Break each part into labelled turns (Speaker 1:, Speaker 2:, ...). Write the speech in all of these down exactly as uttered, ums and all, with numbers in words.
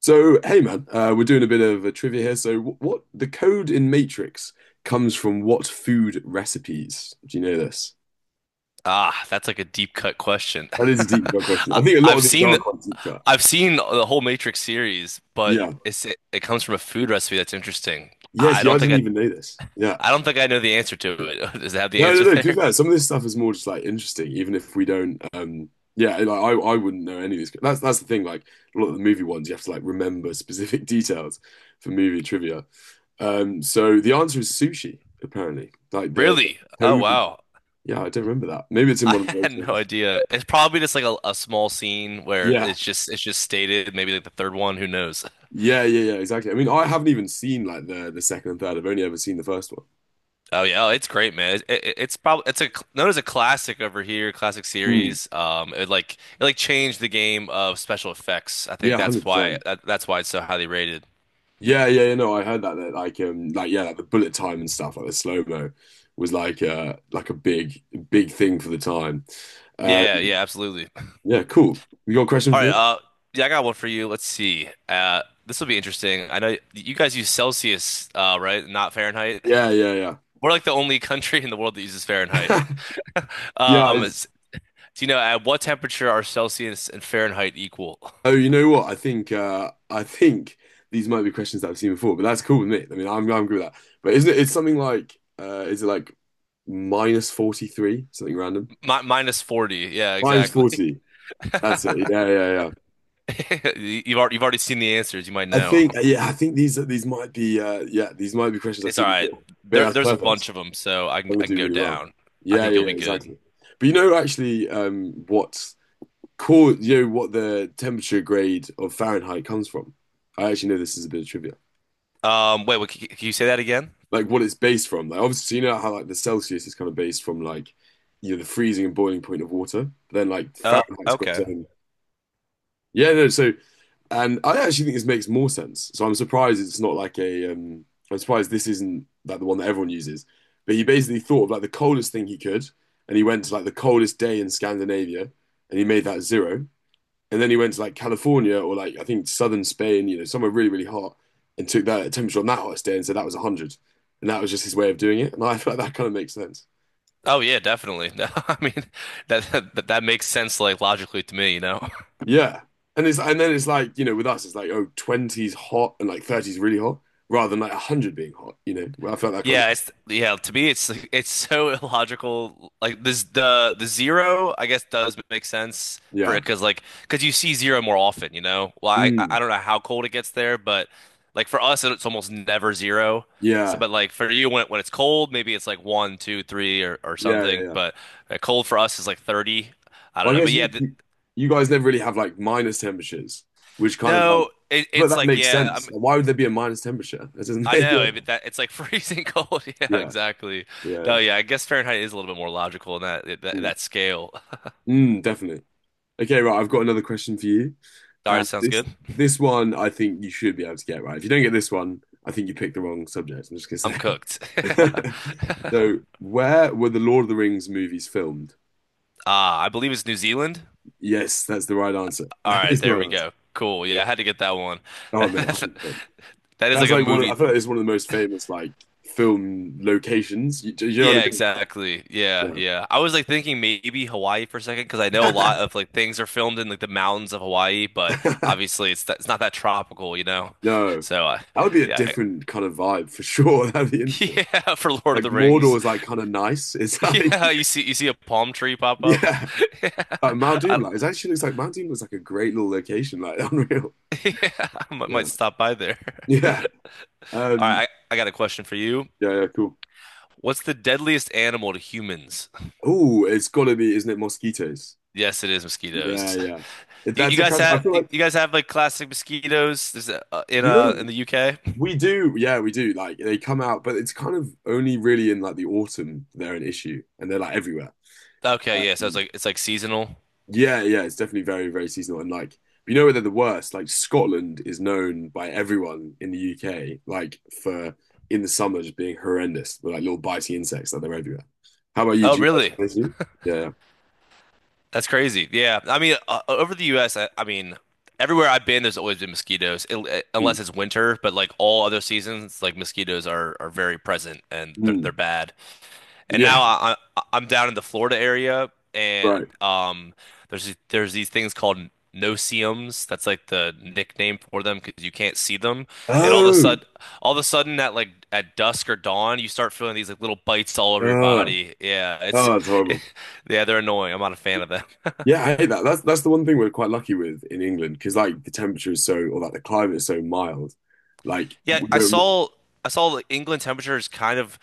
Speaker 1: So, hey man, uh, we're doing a bit of a trivia here. So, what, what the code in Matrix comes from what food recipes? Do you know this?
Speaker 2: Ah, that's like a deep cut question.
Speaker 1: That is a deep cut question.
Speaker 2: I,
Speaker 1: I think a lot
Speaker 2: I've
Speaker 1: of these
Speaker 2: seen
Speaker 1: are quite deep cut.
Speaker 2: I've seen the whole Matrix series, but
Speaker 1: Yeah.
Speaker 2: it's it, it comes from a food recipe. That's interesting. I,
Speaker 1: Yes,
Speaker 2: I
Speaker 1: yeah, I
Speaker 2: don't think
Speaker 1: didn't
Speaker 2: I
Speaker 1: even know this. Yeah.
Speaker 2: I don't think I know the answer to it. Does it have the
Speaker 1: No, no,
Speaker 2: answer
Speaker 1: no. To be
Speaker 2: there?
Speaker 1: fair, some of this stuff is more just like interesting, even if we don't. Um, yeah, like I, I wouldn't know any of these. That's that's the thing. Like a lot of the movie ones, you have to like remember specific details for movie trivia. Um, so the answer is sushi, apparently. Like the
Speaker 2: Really? Oh,
Speaker 1: code.
Speaker 2: wow.
Speaker 1: Yeah, I don't remember that. Maybe it's in
Speaker 2: I
Speaker 1: one of the later
Speaker 2: had no
Speaker 1: ones.
Speaker 2: idea. It's probably just like a, a small scene where
Speaker 1: Yeah.
Speaker 2: it's just it's just stated, maybe like the third one, who knows?
Speaker 1: Yeah, yeah, yeah, exactly. I mean, I haven't even seen like the the second and third. I've only ever seen the first one.
Speaker 2: Oh yeah, oh, it's great, man. It, it, it's probably it's a cl- known as a classic over here, classic
Speaker 1: Hmm.
Speaker 2: series. Um, it like it like changed the game of special effects. I
Speaker 1: Yeah,
Speaker 2: think that's why
Speaker 1: one hundred percent.
Speaker 2: that, that's why it's so highly rated.
Speaker 1: Yeah, yeah, yeah, no, I heard that that like um like yeah, like the bullet time and stuff, like the slow-mo was like uh like a big big thing for the time. Uh,
Speaker 2: Yeah, yeah, absolutely.
Speaker 1: yeah, cool. You got a question
Speaker 2: All
Speaker 1: for
Speaker 2: right,
Speaker 1: me?
Speaker 2: uh, yeah, I got one for you. Let's see. Uh, this will be interesting. I know you guys use Celsius, uh, right? Not Fahrenheit.
Speaker 1: Yeah, yeah,
Speaker 2: We're like the only country in the world that uses Fahrenheit.
Speaker 1: yeah.
Speaker 2: Um,
Speaker 1: Yeah,
Speaker 2: it's- do you know at what temperature are Celsius and Fahrenheit equal?
Speaker 1: oh, you know what? I think uh I think these might be questions that I've seen before, but that's cool with me. I mean, I'm I'm good with that. But isn't it? It's something like uh is it like minus forty-three, something random?
Speaker 2: Mi Minus forty. Yeah,
Speaker 1: Minus
Speaker 2: exactly.
Speaker 1: forty. That's it. Yeah, yeah, yeah.
Speaker 2: You've already, you've already seen the answers. You might
Speaker 1: I
Speaker 2: know.
Speaker 1: think uh, yeah, I think these these might be uh yeah, these might be questions I've
Speaker 2: It's all
Speaker 1: seen
Speaker 2: right.
Speaker 1: before. But yeah,
Speaker 2: There,
Speaker 1: that's
Speaker 2: there's a
Speaker 1: perfect.
Speaker 2: bunch of them, so I can
Speaker 1: I'm gonna
Speaker 2: I can
Speaker 1: do
Speaker 2: go
Speaker 1: really well.
Speaker 2: down. I
Speaker 1: Yeah,
Speaker 2: think you'll
Speaker 1: yeah, yeah,
Speaker 2: be good.
Speaker 1: exactly. But you know actually um what core you know what the temperature grade of Fahrenheit comes from? I actually know this is a bit of trivia.
Speaker 2: Um, wait, what, can, can you say that again?
Speaker 1: Like what it's based from. Like obviously, so you know how like the Celsius is kind of based from like you know the freezing and boiling point of water. But then like
Speaker 2: Oh,
Speaker 1: Fahrenheit's got its
Speaker 2: okay.
Speaker 1: own. Yeah, no. So, and I actually think this makes more sense. So I'm surprised it's not like a. Um, I'm surprised this isn't like the one that everyone uses. But he basically thought of like the coldest thing he could, and he went to like the coldest day in Scandinavia, and he made that zero. And then he went to like California or like I think southern Spain, you know, somewhere really, really hot, and took that temperature on that hottest day and said that was one hundred. And that was just his way of doing it. And I feel like that kind of makes sense.
Speaker 2: Oh yeah, definitely. No, I mean that, that that makes sense, like logically to me, you know.
Speaker 1: Yeah. And it's and then it's like, you know, with us, it's like, oh, twenties hot and like thirties really hot, rather than like one hundred being hot, you know. Well, I felt that kind
Speaker 2: Yeah,
Speaker 1: of
Speaker 2: it's yeah, to me it's like it's so illogical. Like this the the zero, I guess, does make sense for
Speaker 1: yeah.
Speaker 2: it, cause like cause you see zero more often, you know? Well, I I
Speaker 1: Mm,
Speaker 2: I don't know how cold it gets there, but like for us it's almost never zero. So
Speaker 1: yeah.
Speaker 2: but like for you when it, when it's cold, maybe it's like one, two, three or or
Speaker 1: Yeah, yeah,
Speaker 2: something,
Speaker 1: yeah.
Speaker 2: but uh, cold for us is like thirty. I don't
Speaker 1: Well, I
Speaker 2: know. But
Speaker 1: guess
Speaker 2: yeah,
Speaker 1: you
Speaker 2: th
Speaker 1: you you guys never really have like minus temperatures, which kind of like
Speaker 2: no, it,
Speaker 1: but
Speaker 2: it's
Speaker 1: that
Speaker 2: like
Speaker 1: makes
Speaker 2: yeah,
Speaker 1: sense. Like, why would there be a minus temperature? That doesn't
Speaker 2: I
Speaker 1: make
Speaker 2: know,
Speaker 1: Yeah,
Speaker 2: but that it's like freezing cold. Yeah,
Speaker 1: yeah,
Speaker 2: exactly.
Speaker 1: yeah.
Speaker 2: No, yeah, I guess Fahrenheit is a little bit more logical in that that,
Speaker 1: Mm.
Speaker 2: that scale.
Speaker 1: Mm, definitely. Okay, right. I've got another question for you.
Speaker 2: All
Speaker 1: Uh,
Speaker 2: right, sounds
Speaker 1: this
Speaker 2: good.
Speaker 1: this one I think you should be able to get right. If you don't get this one, I think you picked the wrong subject. I'm just gonna
Speaker 2: I'm
Speaker 1: say.
Speaker 2: cooked.
Speaker 1: So, where were the Lord of the Rings movies filmed?
Speaker 2: Ah, I believe it's New Zealand.
Speaker 1: Yes, that's the right answer.
Speaker 2: All
Speaker 1: That
Speaker 2: right,
Speaker 1: is the
Speaker 2: there
Speaker 1: right
Speaker 2: we
Speaker 1: answer.
Speaker 2: go. Cool. Yeah, I had to get that one.
Speaker 1: Oh man,
Speaker 2: That's,
Speaker 1: one hundred percent.
Speaker 2: that is
Speaker 1: That's
Speaker 2: like a
Speaker 1: like one. Of, I
Speaker 2: movie.
Speaker 1: feel like it's one of the most famous like film locations. You, do you know
Speaker 2: Yeah, exactly. Yeah,
Speaker 1: what
Speaker 2: yeah. I was like thinking maybe Hawaii for a second, because I know a
Speaker 1: I
Speaker 2: lot
Speaker 1: mean?
Speaker 2: of like things are filmed in like the mountains of Hawaii, but
Speaker 1: No.
Speaker 2: obviously it's it's not that tropical, you know.
Speaker 1: No,
Speaker 2: So uh,
Speaker 1: that would be a
Speaker 2: yeah,
Speaker 1: different kind of vibe for sure. That'd be interesting.
Speaker 2: yeah, for Lord of
Speaker 1: Like
Speaker 2: the
Speaker 1: Mordor
Speaker 2: Rings.
Speaker 1: is like kind of nice. It's like
Speaker 2: Yeah, you see you see a palm tree pop up.
Speaker 1: yeah,
Speaker 2: Yeah.
Speaker 1: like Mount Doom.
Speaker 2: I,
Speaker 1: Like it actually looks like Mount Doom was like a great little location. Like unreal.
Speaker 2: yeah, I might might
Speaker 1: Yeah,
Speaker 2: stop by there. All
Speaker 1: yeah,
Speaker 2: right,
Speaker 1: um,
Speaker 2: I, I got a question for you.
Speaker 1: yeah, yeah. Cool.
Speaker 2: What's the deadliest animal to humans?
Speaker 1: Oh, it's gotta be, isn't it? Mosquitoes.
Speaker 2: Yes, it is
Speaker 1: Yeah,
Speaker 2: mosquitoes.
Speaker 1: yeah. If
Speaker 2: You, you
Speaker 1: that's a
Speaker 2: guys
Speaker 1: cousin, I
Speaker 2: have
Speaker 1: feel like
Speaker 2: you guys have like classic mosquitoes. Is that, uh, in
Speaker 1: you
Speaker 2: uh
Speaker 1: know
Speaker 2: in the U K?
Speaker 1: we do. Yeah, we do. Like they come out, but it's kind of only really in like the autumn they're an issue, and they're like everywhere.
Speaker 2: Okay, yeah, so it's
Speaker 1: Um,
Speaker 2: like it's like seasonal.
Speaker 1: Yeah, yeah, it's definitely very, very seasonal. And like, you know where they're the worst? Like Scotland is known by everyone in the U K, like for in the summer just being horrendous with like little biting insects that they're everywhere. How about you?
Speaker 2: Oh,
Speaker 1: Do you guys
Speaker 2: really?
Speaker 1: have this too? Yeah.
Speaker 2: That's crazy. Yeah. I mean, uh, uh, over the U S, I, I mean, everywhere I've been, there's always been mosquitoes, it, it-
Speaker 1: Mm.
Speaker 2: unless it's winter, but like all other seasons, like mosquitoes are are very present and they're, they're
Speaker 1: Mm.
Speaker 2: bad. And
Speaker 1: Yeah.
Speaker 2: now I, I I'm down in the Florida area, and
Speaker 1: Right.
Speaker 2: um there's there's these things called noceums. That's like the nickname for them because you can't see them. And all of a
Speaker 1: Oh.
Speaker 2: sudden all of a sudden at like at dusk or dawn, you start feeling these like little bites all
Speaker 1: Uh,
Speaker 2: over your
Speaker 1: oh,
Speaker 2: body. Yeah, it's
Speaker 1: that's horrible.
Speaker 2: yeah, they're annoying. I'm not a fan of them.
Speaker 1: Yeah, I hate that. That's that's the one thing we're quite lucky with in England because like the temperature is so, or like the climate is so mild. Like
Speaker 2: Yeah,
Speaker 1: we
Speaker 2: I
Speaker 1: don't.
Speaker 2: saw I saw like England temperature is kind of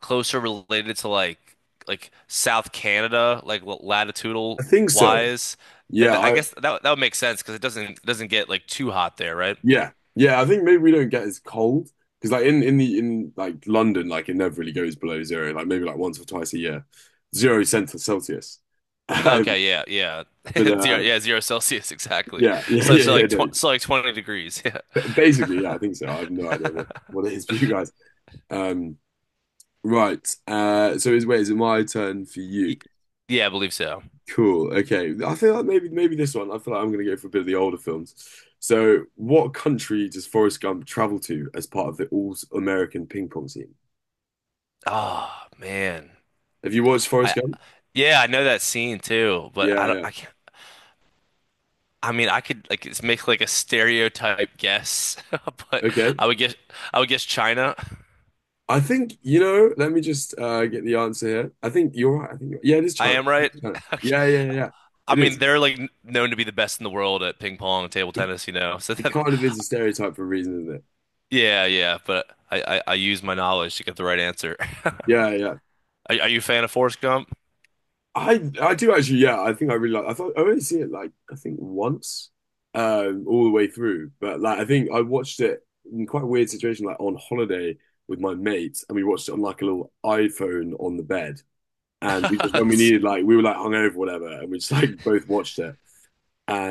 Speaker 2: closer related to like like South Canada, like what
Speaker 1: I
Speaker 2: latitudinal
Speaker 1: think so.
Speaker 2: wise. Th-
Speaker 1: Yeah,
Speaker 2: th- I
Speaker 1: I,
Speaker 2: guess that that would make sense because it doesn't it doesn't get like too hot there, right?
Speaker 1: yeah, yeah. I think maybe we don't get as cold because, like, in in the in like London, like it never really goes below zero. Like maybe like once or twice a year, zero cent for Celsius. Um,
Speaker 2: Okay, yeah, yeah,
Speaker 1: but
Speaker 2: zero,
Speaker 1: uh,
Speaker 2: yeah, zero Celsius exactly.
Speaker 1: yeah, yeah,
Speaker 2: So
Speaker 1: yeah,
Speaker 2: so
Speaker 1: yeah.
Speaker 2: like tw
Speaker 1: No.
Speaker 2: so like twenty degrees, yeah,
Speaker 1: Ba- Basically, yeah, I think so. I have no idea what what it is for you guys. Um, right. Uh, so is wait, is it my turn for
Speaker 2: Y-
Speaker 1: you?
Speaker 2: yeah, I believe so.
Speaker 1: Cool. Okay. I feel like maybe maybe this one. I feel like I'm gonna go for a bit of the older films. So, what country does Forrest Gump travel to as part of the All American Ping Pong team?
Speaker 2: Oh man,
Speaker 1: Have you watched Forrest
Speaker 2: I
Speaker 1: Gump?
Speaker 2: yeah, I know that scene too, but I
Speaker 1: Yeah,
Speaker 2: don't,
Speaker 1: yeah.
Speaker 2: I can't. I mean, I could like it's make like a stereotype guess, but
Speaker 1: Okay.
Speaker 2: I would guess I would guess China.
Speaker 1: I think, you know, let me just uh get the answer here. I think you're right. I think you're, yeah, it is
Speaker 2: I
Speaker 1: China.
Speaker 2: am right.
Speaker 1: It's China.
Speaker 2: Okay.
Speaker 1: Yeah, yeah, yeah, yeah.
Speaker 2: I
Speaker 1: It
Speaker 2: mean,
Speaker 1: is.
Speaker 2: they're like n- known to be the best in the world at ping pong and table
Speaker 1: It,
Speaker 2: tennis, you know. So
Speaker 1: it
Speaker 2: that,
Speaker 1: kind of is a stereotype for a reason, isn't it?
Speaker 2: yeah, yeah. But I, I, I use my knowledge to get the right answer. Are,
Speaker 1: Yeah, yeah.
Speaker 2: are you a fan of Forrest Gump?
Speaker 1: I I do actually, yeah, I think I really like I thought I only see it like I think once um all the way through. But like I think I watched it in quite a weird situation, like on holiday with my mates, and we watched it on like a little iPhone on the bed. And we just when we needed like we were like hungover or whatever, and we just like both watched it.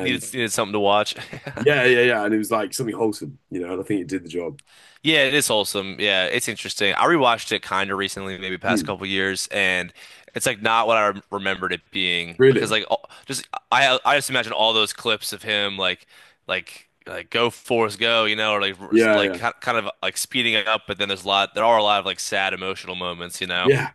Speaker 2: Needed needed something to watch.
Speaker 1: yeah, yeah, yeah. And it was like something wholesome, you know, and I think it did the job.
Speaker 2: Yeah, it is wholesome. Yeah, it's interesting. I rewatched it kind of recently, maybe past
Speaker 1: Hmm.
Speaker 2: couple years, and it's like not what I rem- remembered it being.
Speaker 1: Really?
Speaker 2: Because like all, just I I just imagine all those clips of him like like like go Forrest go, you know, or like r-
Speaker 1: Yeah,
Speaker 2: like
Speaker 1: yeah.
Speaker 2: ki- kind of like speeding it up. But then there's a lot there are a lot of like sad emotional moments, you know.
Speaker 1: Yeah.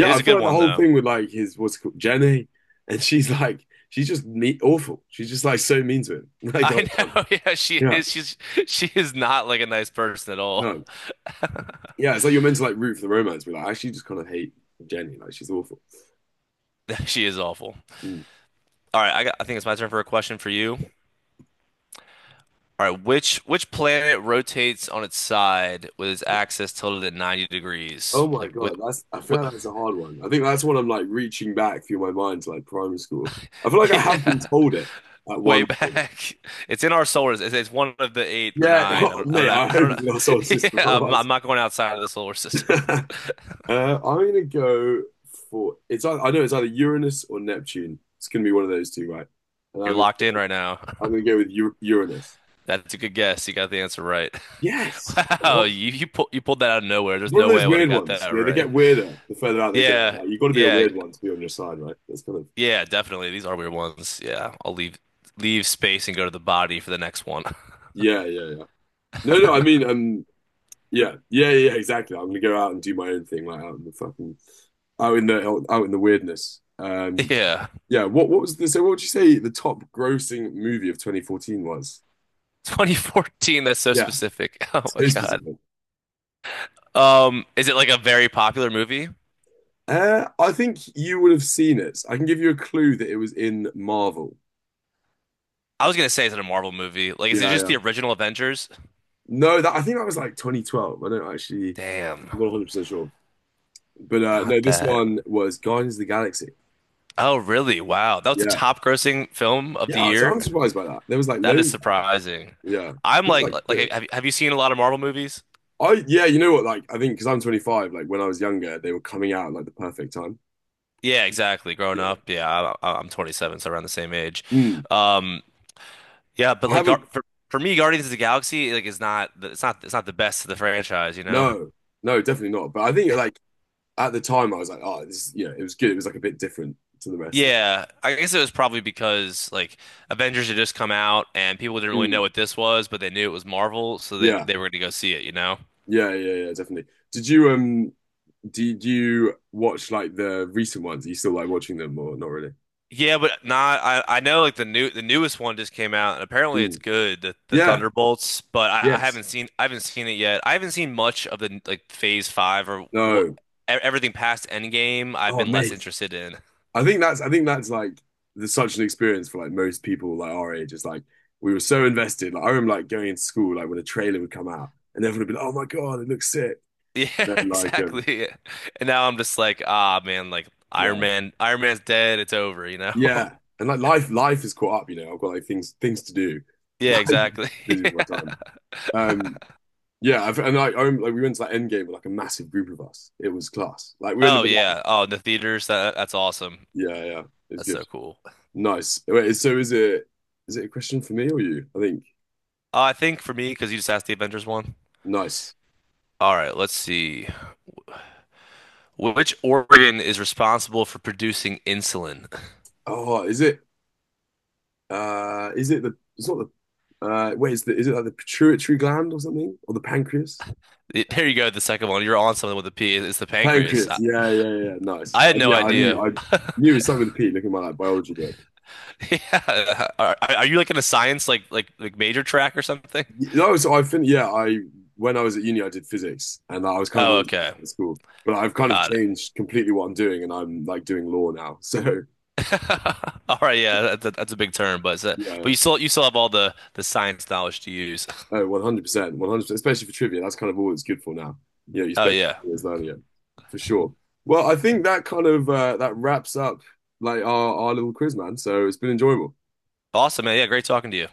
Speaker 2: It is
Speaker 1: I
Speaker 2: a
Speaker 1: felt
Speaker 2: good
Speaker 1: like the
Speaker 2: one
Speaker 1: whole
Speaker 2: though.
Speaker 1: thing with like his what's it called Jenny, and she's like she's just neat awful. She's just like so mean to him, like the
Speaker 2: I
Speaker 1: whole time.
Speaker 2: know. Yeah, she
Speaker 1: Yeah.
Speaker 2: is. She's she is not like a nice person at all.
Speaker 1: No. Yeah, it's like you're meant to like root for the romance, but like I actually just kind of hate Jenny. Like she's awful.
Speaker 2: She is awful.
Speaker 1: Hmm.
Speaker 2: All right, I got, I think it's my turn for a question for you. All right, which which planet rotates on its side with its axis tilted at ninety degrees?
Speaker 1: Oh my
Speaker 2: Like with,
Speaker 1: God, that's I
Speaker 2: with
Speaker 1: feel like that's a hard one. I think that's when I'm like reaching back through my mind to like primary school. I feel like I have been
Speaker 2: yeah,
Speaker 1: told it at
Speaker 2: way
Speaker 1: one point.
Speaker 2: back. It's in our solar system. It's it's one of the eight or
Speaker 1: Yeah,
Speaker 2: nine. I
Speaker 1: oh,
Speaker 2: don't I don't
Speaker 1: mate,
Speaker 2: know.
Speaker 1: I
Speaker 2: I don't
Speaker 1: hope it's in our solar
Speaker 2: know. Yeah,
Speaker 1: system,
Speaker 2: I'm,
Speaker 1: otherwise.
Speaker 2: I'm not going outside of the solar system.
Speaker 1: Uh, I'm gonna go for it's ei- I know it's either Uranus or Neptune. It's gonna be one of those two, right? And
Speaker 2: You're
Speaker 1: I'm
Speaker 2: locked in right now.
Speaker 1: I'm gonna go with U Uranus.
Speaker 2: That's a good guess. You got the answer right.
Speaker 1: Yes, come
Speaker 2: Wow,
Speaker 1: on.
Speaker 2: you you pulled you pulled that out of nowhere. There's
Speaker 1: One of
Speaker 2: no way
Speaker 1: those
Speaker 2: I would have
Speaker 1: weird
Speaker 2: got
Speaker 1: ones.
Speaker 2: that
Speaker 1: Yeah, they
Speaker 2: right.
Speaker 1: get weirder the further out they go.
Speaker 2: Yeah,
Speaker 1: Like you've got to be a
Speaker 2: yeah,
Speaker 1: weird one to be on your side, right? That's kind of
Speaker 2: yeah, definitely. These are weird ones. Yeah, I'll leave leave space and go to the body for the next one.
Speaker 1: yeah, yeah, yeah. No, no, I mean, um, yeah, yeah, yeah, exactly. I'm gonna go out and do my own thing, like out in the fucking, out in the out, out in the weirdness. Um,
Speaker 2: Yeah.
Speaker 1: yeah. What what was the so? What would you say the top grossing movie of twenty fourteen was?
Speaker 2: twenty fourteen, that's so
Speaker 1: Yeah,
Speaker 2: specific. Oh my
Speaker 1: so
Speaker 2: God.
Speaker 1: specific.
Speaker 2: Um, is it like a very popular movie?
Speaker 1: Uh, I think you would have seen it. I can give you a clue that it was in Marvel.
Speaker 2: I was gonna say, is it a Marvel movie? Like, is it
Speaker 1: Yeah,
Speaker 2: just
Speaker 1: yeah.
Speaker 2: the original Avengers?
Speaker 1: No, that I think that was like twenty twelve. I don't actually
Speaker 2: Damn,
Speaker 1: one hundred percent sure, but uh,
Speaker 2: not
Speaker 1: no, this
Speaker 2: that.
Speaker 1: one was Guardians of the Galaxy.
Speaker 2: Oh, really? Wow. That was the
Speaker 1: Yeah,
Speaker 2: top grossing film of the
Speaker 1: yeah. I was-
Speaker 2: year?
Speaker 1: I'm surprised by that. There was like
Speaker 2: That is
Speaker 1: loads. Like that.
Speaker 2: surprising.
Speaker 1: Yeah,
Speaker 2: I'm
Speaker 1: seems
Speaker 2: like,
Speaker 1: like
Speaker 2: like,
Speaker 1: good.
Speaker 2: have, have you seen a lot of Marvel movies?
Speaker 1: I yeah, you know what? Like I think because I'm twenty-five. Like when I was younger, they were coming out at, like the perfect time.
Speaker 2: Yeah, exactly. Growing
Speaker 1: Yeah.
Speaker 2: up, yeah, I, I'm twenty-seven, so around the same age.
Speaker 1: Mm.
Speaker 2: Um, yeah, but
Speaker 1: I
Speaker 2: like, Gar
Speaker 1: haven't.
Speaker 2: for, for me, Guardians of the Galaxy, like, is not, it's not, it's not the best of the franchise, you know?
Speaker 1: No, no, definitely not. But I think like at the time, I was like, oh, this. Yeah, it was good. It was like a bit different to the rest of
Speaker 2: Yeah, I guess it was probably because like Avengers had just come out and people didn't
Speaker 1: it.
Speaker 2: really know
Speaker 1: Mm.
Speaker 2: what this was, but they knew it was Marvel, so they
Speaker 1: Yeah,
Speaker 2: they were gonna go see it, you know?
Speaker 1: yeah, yeah, yeah. Definitely. Did you um? Did you watch like the recent ones? Are you still like watching them or not really?
Speaker 2: Yeah, but not I I know like the new the newest one just came out and apparently it's
Speaker 1: Mm.
Speaker 2: good, the, the
Speaker 1: Yeah.
Speaker 2: Thunderbolts, but I, I
Speaker 1: Yes.
Speaker 2: haven't seen I haven't seen it yet. I haven't seen much of the like Phase Five or wh- e-
Speaker 1: No.
Speaker 2: everything past Endgame. I've
Speaker 1: Oh,
Speaker 2: been less
Speaker 1: mate.
Speaker 2: interested in.
Speaker 1: I think that's I think that's like there's such an experience for like most people like our age. It's like we were so invested. Like I remember like going into school like when a trailer would come out and everyone would be like, "Oh my God, it looks sick."
Speaker 2: Yeah,
Speaker 1: Then like um
Speaker 2: exactly. And now I'm just like, ah, man, like Iron
Speaker 1: yeah,
Speaker 2: Man, Iron Man's dead. It's over, you know?
Speaker 1: yeah, and like life life is caught up. You know I've got like things things to do.
Speaker 2: Yeah,
Speaker 1: Like
Speaker 2: exactly.
Speaker 1: busy with my
Speaker 2: Yeah.
Speaker 1: time. Um yeah, I've, and like I remember like we went to like Endgame with like a massive group of us. It was class. Like we ended
Speaker 2: Oh
Speaker 1: up like
Speaker 2: yeah. Oh, the theaters. That, that's awesome.
Speaker 1: yeah, yeah, it was
Speaker 2: That's
Speaker 1: good,
Speaker 2: so cool. Uh,
Speaker 1: nice. Wait so is it is it a question for me or you? I think
Speaker 2: I think for me, because you just asked the Avengers one.
Speaker 1: nice.
Speaker 2: All right, let's see. Wh- Which organ is responsible for producing insulin?
Speaker 1: Oh, is it? Uh, is it the? It's not the. Uh, wait, is the? Is it like the pituitary gland or something, or the pancreas?
Speaker 2: It- there you go. The second one. You're on something with a P. It's the pancreas.
Speaker 1: Pancreas.
Speaker 2: I,
Speaker 1: Yeah, yeah, yeah. Nice.
Speaker 2: I
Speaker 1: Uh,
Speaker 2: had no
Speaker 1: yeah, I yeah, knew.
Speaker 2: idea.
Speaker 1: I knew it was something with a P. Looking at my like biology book.
Speaker 2: Yeah. Are, are you like in a science like like like major track or something?
Speaker 1: Y- No, so I think yeah. I when I was at uni, I did physics, and I was kind of
Speaker 2: Oh,
Speaker 1: always
Speaker 2: okay.
Speaker 1: at school. But I've kind of
Speaker 2: Got it.
Speaker 1: changed completely what I'm doing, and I'm like doing law now. So
Speaker 2: All right. Yeah, that's a, that's a big term, but it's a, but
Speaker 1: yeah,
Speaker 2: you still you still have all the the science knowledge to use.
Speaker 1: oh, one hundred percent, one hundred percent, especially for trivia. That's kind of all it's good for now. You know, you
Speaker 2: Oh
Speaker 1: spend
Speaker 2: yeah.
Speaker 1: four years learning it for sure. Well, I think that kind of uh, that wraps up like our, our little quiz, man. So it's been enjoyable.
Speaker 2: Awesome, man. Yeah, great talking to you.